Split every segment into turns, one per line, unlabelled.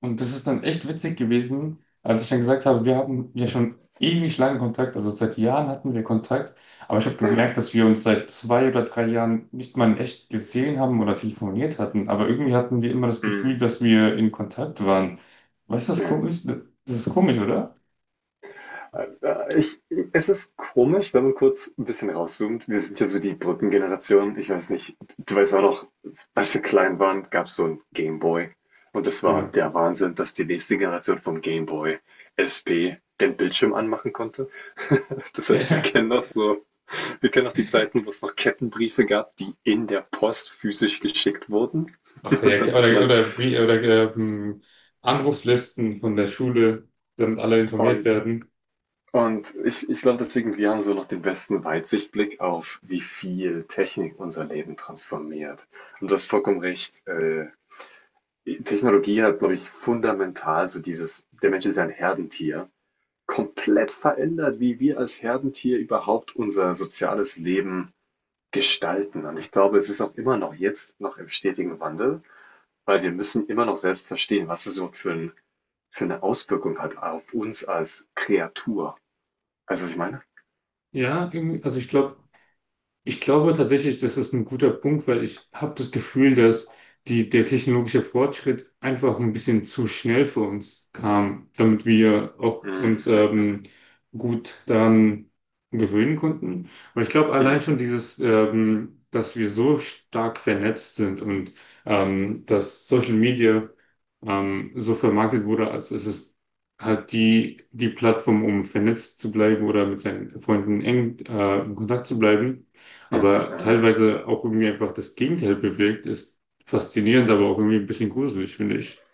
Und das ist dann echt witzig gewesen, als ich dann gesagt habe, wir haben ja schon ewig lange Kontakt, also seit Jahren hatten wir Kontakt, aber ich habe gemerkt, dass wir uns seit zwei oder drei Jahren nicht mal in echt gesehen haben oder telefoniert hatten, aber irgendwie hatten wir immer das Gefühl,
Hm,
dass wir in Kontakt waren. Weißt du, das ist
ja.
komisch? Das ist komisch, oder?
Äh, Ich, Es ist komisch, wenn man kurz ein bisschen rauszoomt. Wir sind ja so die Brückengeneration. Ich weiß nicht, du weißt auch noch, als wir klein waren, gab es so ein Game Boy. Und das war
Genau.
der Wahnsinn, dass die nächste Generation vom Game Boy SP den Bildschirm anmachen konnte. Das heißt,
Ja.
wir kennen noch die Zeiten, wo es noch Kettenbriefe gab, die in der Post physisch geschickt wurden.
Ach,
Und
ja,
dann
klar.
hat man,
Ähm, Anruflisten von der Schule, damit alle informiert
und
werden.
Und ich glaube deswegen, wir haben so noch den besten Weitsichtblick auf, wie viel Technik unser Leben transformiert. Und du hast vollkommen recht. Technologie hat, glaube ich, fundamental so dieses, der Mensch ist ja ein Herdentier, komplett verändert, wie wir als Herdentier überhaupt unser soziales Leben gestalten. Und ich glaube, es ist auch immer noch jetzt noch im stetigen Wandel, weil wir müssen immer noch selbst verstehen, was es überhaupt für eine Auswirkung hat auf uns als Kreatur. Weißt du, was ich meine?
Ja, irgendwie, also ich glaube, tatsächlich, das ist ein guter Punkt, weil ich habe das Gefühl, dass der technologische Fortschritt einfach ein bisschen zu schnell für uns kam, damit wir auch uns
Mhm.
gut daran gewöhnen konnten. Aber ich glaube allein
Mhm.
schon dieses, dass wir so stark vernetzt sind und dass Social Media so vermarktet wurde, als es ist halt die Plattform, um vernetzt zu bleiben oder mit seinen Freunden eng in Kontakt zu bleiben,
Ja,
aber
ja.
teilweise auch irgendwie einfach das Gegenteil bewirkt, ist faszinierend, aber auch irgendwie ein bisschen gruselig, finde ich.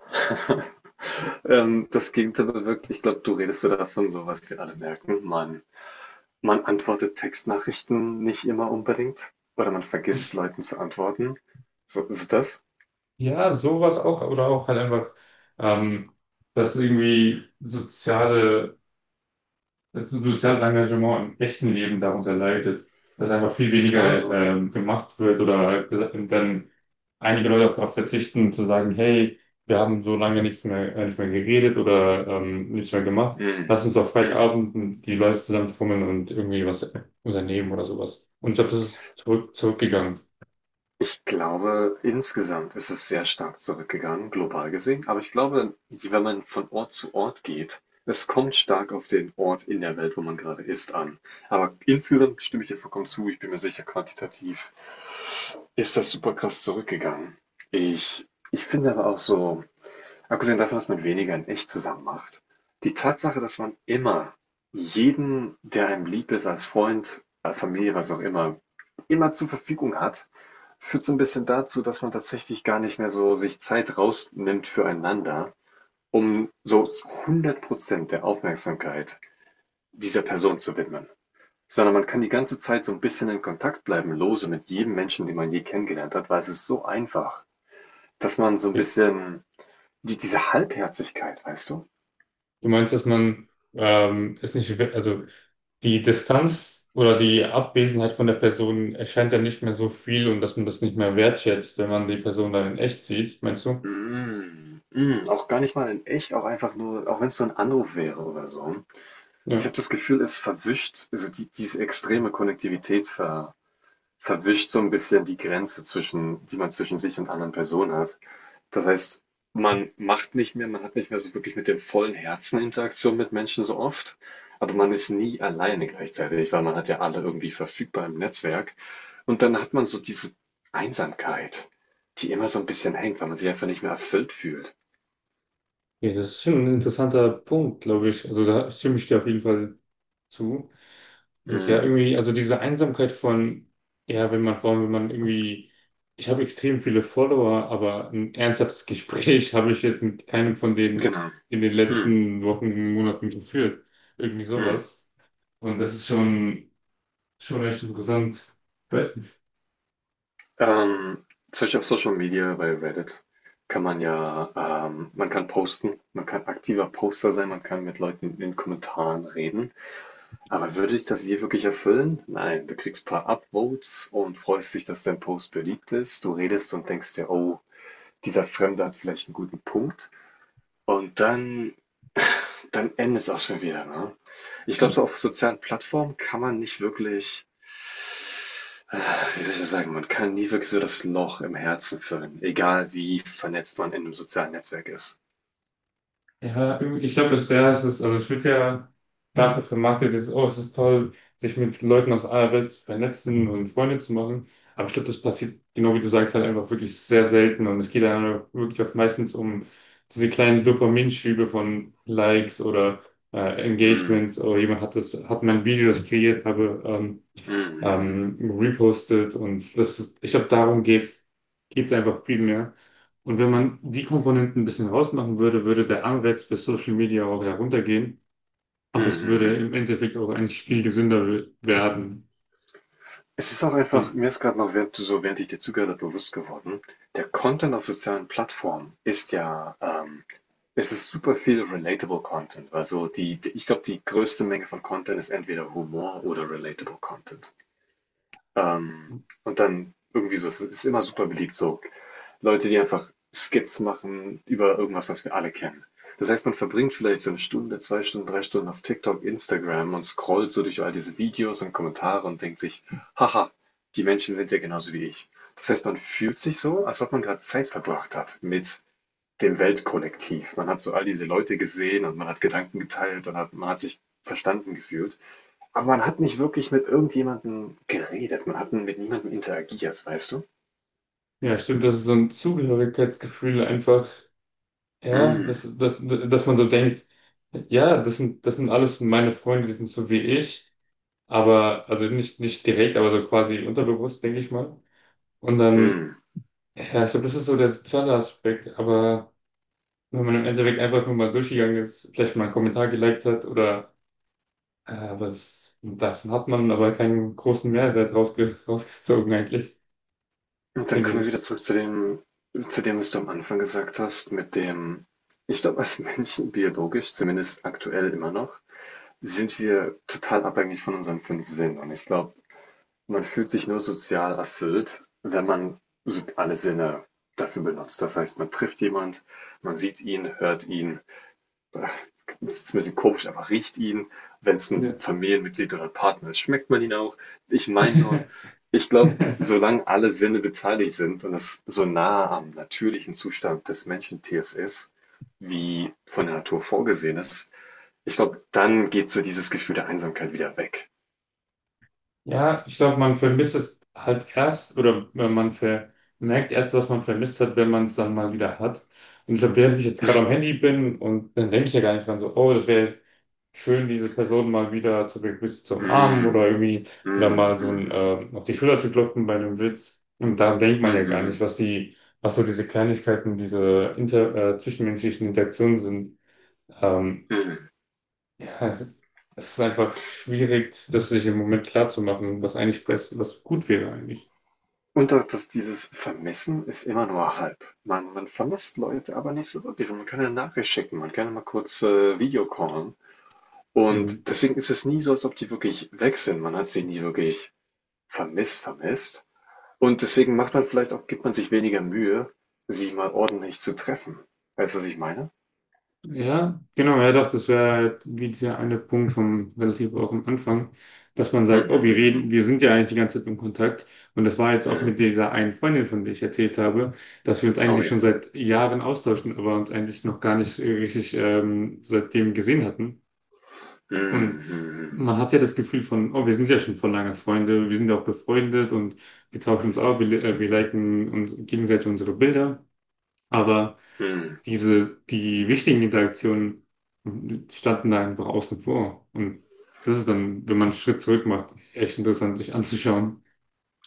Das Gegenteil bewirkt. Ich glaube, du redest so davon, so was wir alle merken. Man antwortet Textnachrichten nicht immer unbedingt oder man vergisst Leuten zu antworten. So, ist das?
Ja, sowas auch, oder auch halt einfach, ähm, dass irgendwie soziale das soziale Engagement im echten Leben darunter leidet, dass einfach viel
Ah,
weniger
okay.
gemacht wird oder halt dann einige Leute auch darauf verzichten, zu sagen, hey, wir haben so lange nicht mehr, nicht mehr geredet oder nichts mehr gemacht,
Mhm.
lass uns auf
Mhm.
Freitagabend die Leute zusammenfummeln und irgendwie was unternehmen oder sowas. Und ich glaube, das ist zurückgegangen.
Ich glaube, insgesamt ist es sehr stark zurückgegangen, global gesehen. Aber ich glaube, wenn man von Ort zu Ort geht, es kommt stark auf den Ort in der Welt, wo man gerade ist, an. Aber insgesamt stimme ich dir vollkommen zu. Ich bin mir sicher, quantitativ ist das super krass zurückgegangen. Ich finde aber auch so, abgesehen davon, dass man weniger in echt zusammen macht, die Tatsache, dass man immer jeden, der einem lieb ist, als Freund, als Familie, was auch immer, immer zur Verfügung hat, führt so ein bisschen dazu, dass man tatsächlich gar nicht mehr so sich Zeit rausnimmt füreinander, um so hundert Prozent der Aufmerksamkeit dieser Person zu widmen. Sondern man kann die ganze Zeit so ein bisschen in Kontakt bleiben, lose mit jedem Menschen, den man je kennengelernt hat, weil es ist so einfach, dass man so ein bisschen diese Halbherzigkeit, weißt du?
Du meinst, dass man es nicht, also die Distanz oder die Abwesenheit von der Person erscheint ja nicht mehr so viel und dass man das nicht mehr wertschätzt, wenn man die Person dann in echt sieht, meinst du?
Mm, mm, auch gar nicht mal in echt, auch einfach nur, auch wenn es so ein Anruf wäre oder so. Ich
Ja.
habe das Gefühl, es verwischt, also diese extreme Konnektivität verwischt so ein bisschen die Grenze zwischen, die man zwischen sich und anderen Personen hat. Das heißt, man macht nicht mehr, man hat nicht mehr so wirklich mit dem vollen Herzen Interaktion mit Menschen so oft, aber man ist nie alleine gleichzeitig, weil man hat ja alle irgendwie verfügbar im Netzwerk. Und dann hat man so diese Einsamkeit, die immer so ein bisschen hängt, weil man sich einfach nicht mehr erfüllt fühlt.
Ja, das ist schon ein interessanter Punkt, glaube ich. Also da stimme ich dir auf jeden Fall zu. Und ja,
Mm,
irgendwie, also diese Einsamkeit von, ja, wenn man, vor allem, wenn man irgendwie, ich habe extrem viele Follower, aber ein ernsthaftes Gespräch habe ich jetzt mit keinem von denen
genau.
in den
Mm,
letzten Wochen, Monaten geführt. Irgendwie
mm.
sowas. Und das ist schon echt interessant.
Ähm, Zum Beispiel auf Social Media bei Reddit kann man ja, man kann posten, man kann aktiver Poster sein, man kann mit Leuten in den Kommentaren reden. Aber würde ich das je wirklich erfüllen? Nein, du kriegst ein paar Upvotes und freust dich, dass dein Post beliebt ist. Du redest und denkst dir, oh, dieser Fremde hat vielleicht einen guten Punkt. Und dann endet es auch schon wieder, ne? Ich glaube, so auf sozialen Plattformen kann man nicht wirklich, äh, wie soll ich das sagen, man kann nie wirklich so das Loch im Herzen füllen, egal wie vernetzt man in einem sozialen Netzwerk ist.
Ja, ich glaube, das wäre es, also es wird ja dafür vermarktet, dass, oh, es ist toll, sich mit Leuten aus aller Welt zu vernetzen und Freunde zu machen. Aber ich glaube, das passiert, genau wie du sagst, halt einfach wirklich sehr selten. Und es geht dann wirklich oft meistens um diese kleinen Dopaminschübe von Likes oder
Mhm.
Engagements. Oh, jemand hat mein Video, das ich kreiert habe,
Mhm. Mhm.
repostet, und das ist, ich glaube, darum geht's einfach viel mehr. Und wenn man die Komponenten ein bisschen rausmachen würde, würde der Anreiz für Social Media auch heruntergehen.
Mhm.
Aber es
Mhm.
würde
Mhm.
im Endeffekt auch eigentlich viel gesünder werden.
Es ist auch einfach, mir ist gerade noch, während du so, während ich dir zugehört habe, bewusst geworden, der Content auf sozialen Plattformen ist ja, es ist super viel relatable Content. Also ich glaube, die größte Menge von Content ist entweder Humor oder relatable Content. Ähm, und dann irgendwie so, es ist immer super beliebt, so Leute, die einfach Skits machen über irgendwas, was wir alle kennen. Das heißt, man verbringt vielleicht so eine Stunde, zwei Stunden, drei Stunden auf TikTok, Instagram und scrollt so durch all diese Videos und Kommentare und denkt sich, haha, die Menschen sind ja genauso wie ich. Das heißt, man fühlt sich so, als ob man gerade Zeit verbracht hat mit dem Weltkollektiv. Man hat so all diese Leute gesehen und man hat Gedanken geteilt und hat, man hat sich verstanden gefühlt. Aber man hat nicht wirklich mit irgendjemandem geredet. Man hat mit niemandem interagiert, weißt du?
Ja, stimmt, das ist so ein Zugehörigkeitsgefühl einfach, ja, dass,
Mm,
dass, dass man so denkt, ja, das sind alles meine Freunde, die sind so wie ich, aber, nicht direkt, aber so quasi unterbewusst, denke ich mal. Und dann
mm.
ja, ich glaube, das ist so der soziale Aspekt, aber wenn man im Endeffekt einfach nur mal durchgegangen ist, vielleicht mal einen Kommentar geliked hat oder äh, was davon, hat man aber keinen großen Mehrwert rausge rausgezogen eigentlich,
Und dann
finde
kommen wir wieder
ich.
zurück zu dem, was du am Anfang gesagt hast, mit dem, ich glaube, als Menschen biologisch, zumindest aktuell immer noch, sind wir total abhängig von unseren fünf Sinnen. Und ich glaube, man fühlt sich nur sozial erfüllt, wenn man so alle Sinne dafür benutzt. Das heißt, man trifft jemand, man sieht ihn, hört ihn. Das ist ein bisschen komisch, aber riecht ihn, wenn es ein
Ja.
Familienmitglied oder ein Partner ist, schmeckt man ihn auch. Ich meine nur, ich glaube, solange alle Sinne beteiligt sind und das so nah am natürlichen Zustand des Menschentiers ist, wie von der Natur vorgesehen ist, ich glaube, dann geht so dieses Gefühl der Einsamkeit wieder weg.
Ja, ich glaube, man vermisst es halt erst, oder wenn man vermerkt erst, was man vermisst hat, wenn man es dann mal wieder hat. Und ich glaube, während ich jetzt gerade am Handy bin, und dann denke ich ja gar nicht dran so, oh, das wäre schön, diese Person mal wieder zu begrüßen, zu umarmen oder
Mm,
irgendwie oder
mm,
mal so ein,
mm,
auf die Schulter zu klopfen bei einem Witz. Und daran denkt
mm,
man ja gar nicht,
mm,
was was so diese Kleinigkeiten, zwischenmenschlichen Interaktionen sind. Ähm,
mm, mm.
ja, es ist einfach schwierig, das sich im Moment klar zu machen, was eigentlich was gut wäre eigentlich.
Und auch, dass dieses Vermissen ist immer nur halb. Man vermisst Leute, aber nicht so wirklich. Man kann eine Nachricht schicken, man kann mal kurz, Video-callen
Mhm.
und deswegen ist es nie so, als ob die wirklich weg sind. Man hat sie nie wirklich vermisst und deswegen macht man vielleicht auch gibt man sich weniger Mühe, sie mal ordentlich zu treffen. Weißt du, was ich meine?
Ja, genau, ja doch, das wäre halt wie dieser eine Punkt vom relativ auch am Anfang, dass man sagt,
Mhm,
oh, wir reden,
mhm,
wir sind ja eigentlich die ganze Zeit im Kontakt. Und das war jetzt
mhm.
auch
Ja.
mit dieser einen Freundin, von der ich erzählt habe, dass wir uns
Oh
eigentlich schon
ja.
seit Jahren austauschen, aber uns eigentlich noch gar nicht richtig seitdem gesehen hatten. Und
Mhm, mhm,
man hat ja das Gefühl von, oh, wir sind ja schon vor lange Freunde, wir sind ja auch befreundet und wir tauschen uns auch, wir liken uns gegenseitig unsere Bilder. Aber
mhm. Mhm.
die wichtigen Interaktionen standen da einfach außen vor. Und das ist dann, wenn man einen Schritt zurück macht, echt interessant, sich anzuschauen.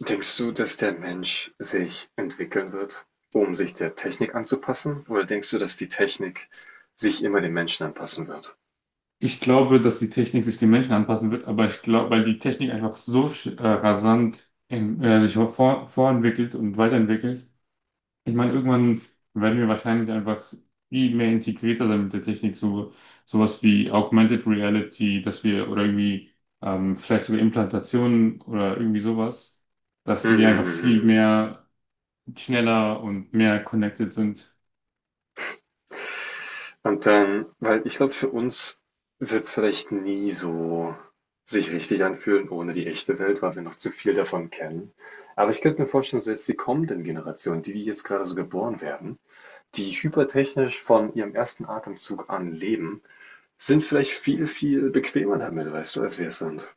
Denkst du, dass der Mensch sich entwickeln wird, um sich der Technik anzupassen? Oder denkst du, dass die Technik sich immer dem Menschen anpassen wird?
Ich glaube, dass die Technik sich den Menschen anpassen wird, aber ich glaube, weil die Technik einfach so rasant sich vorentwickelt und weiterentwickelt, ich meine, irgendwann werden wir wahrscheinlich einfach viel mehr integrierter dann mit der Technik, so sowas wie Augmented Reality, dass wir oder irgendwie vielleicht sogar Implantationen oder irgendwie sowas, dass wir einfach viel
Mhm.
mehr schneller und mehr connected sind.
Und dann, weil ich glaube, für uns wird es vielleicht nie so sich richtig anfühlen ohne die echte Welt, weil wir noch zu viel davon kennen. Aber ich könnte mir vorstellen, so jetzt die kommenden Generationen, die jetzt gerade so geboren werden, die hypertechnisch von ihrem ersten Atemzug an leben, sind vielleicht viel, viel bequemer damit, weißt du, als wir es sind.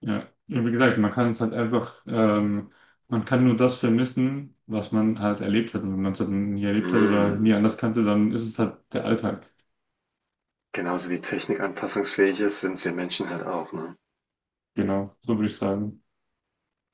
Ja, und wie gesagt, man kann es halt einfach, man kann nur das vermissen, was man halt erlebt hat. Und wenn man es halt nie erlebt hat oder nie
Mhm.
anders kannte, dann ist es halt der Alltag.
Genauso wie Technik anpassungsfähig ist, sind wir Menschen halt auch, ne?
Genau, so würde ich sagen.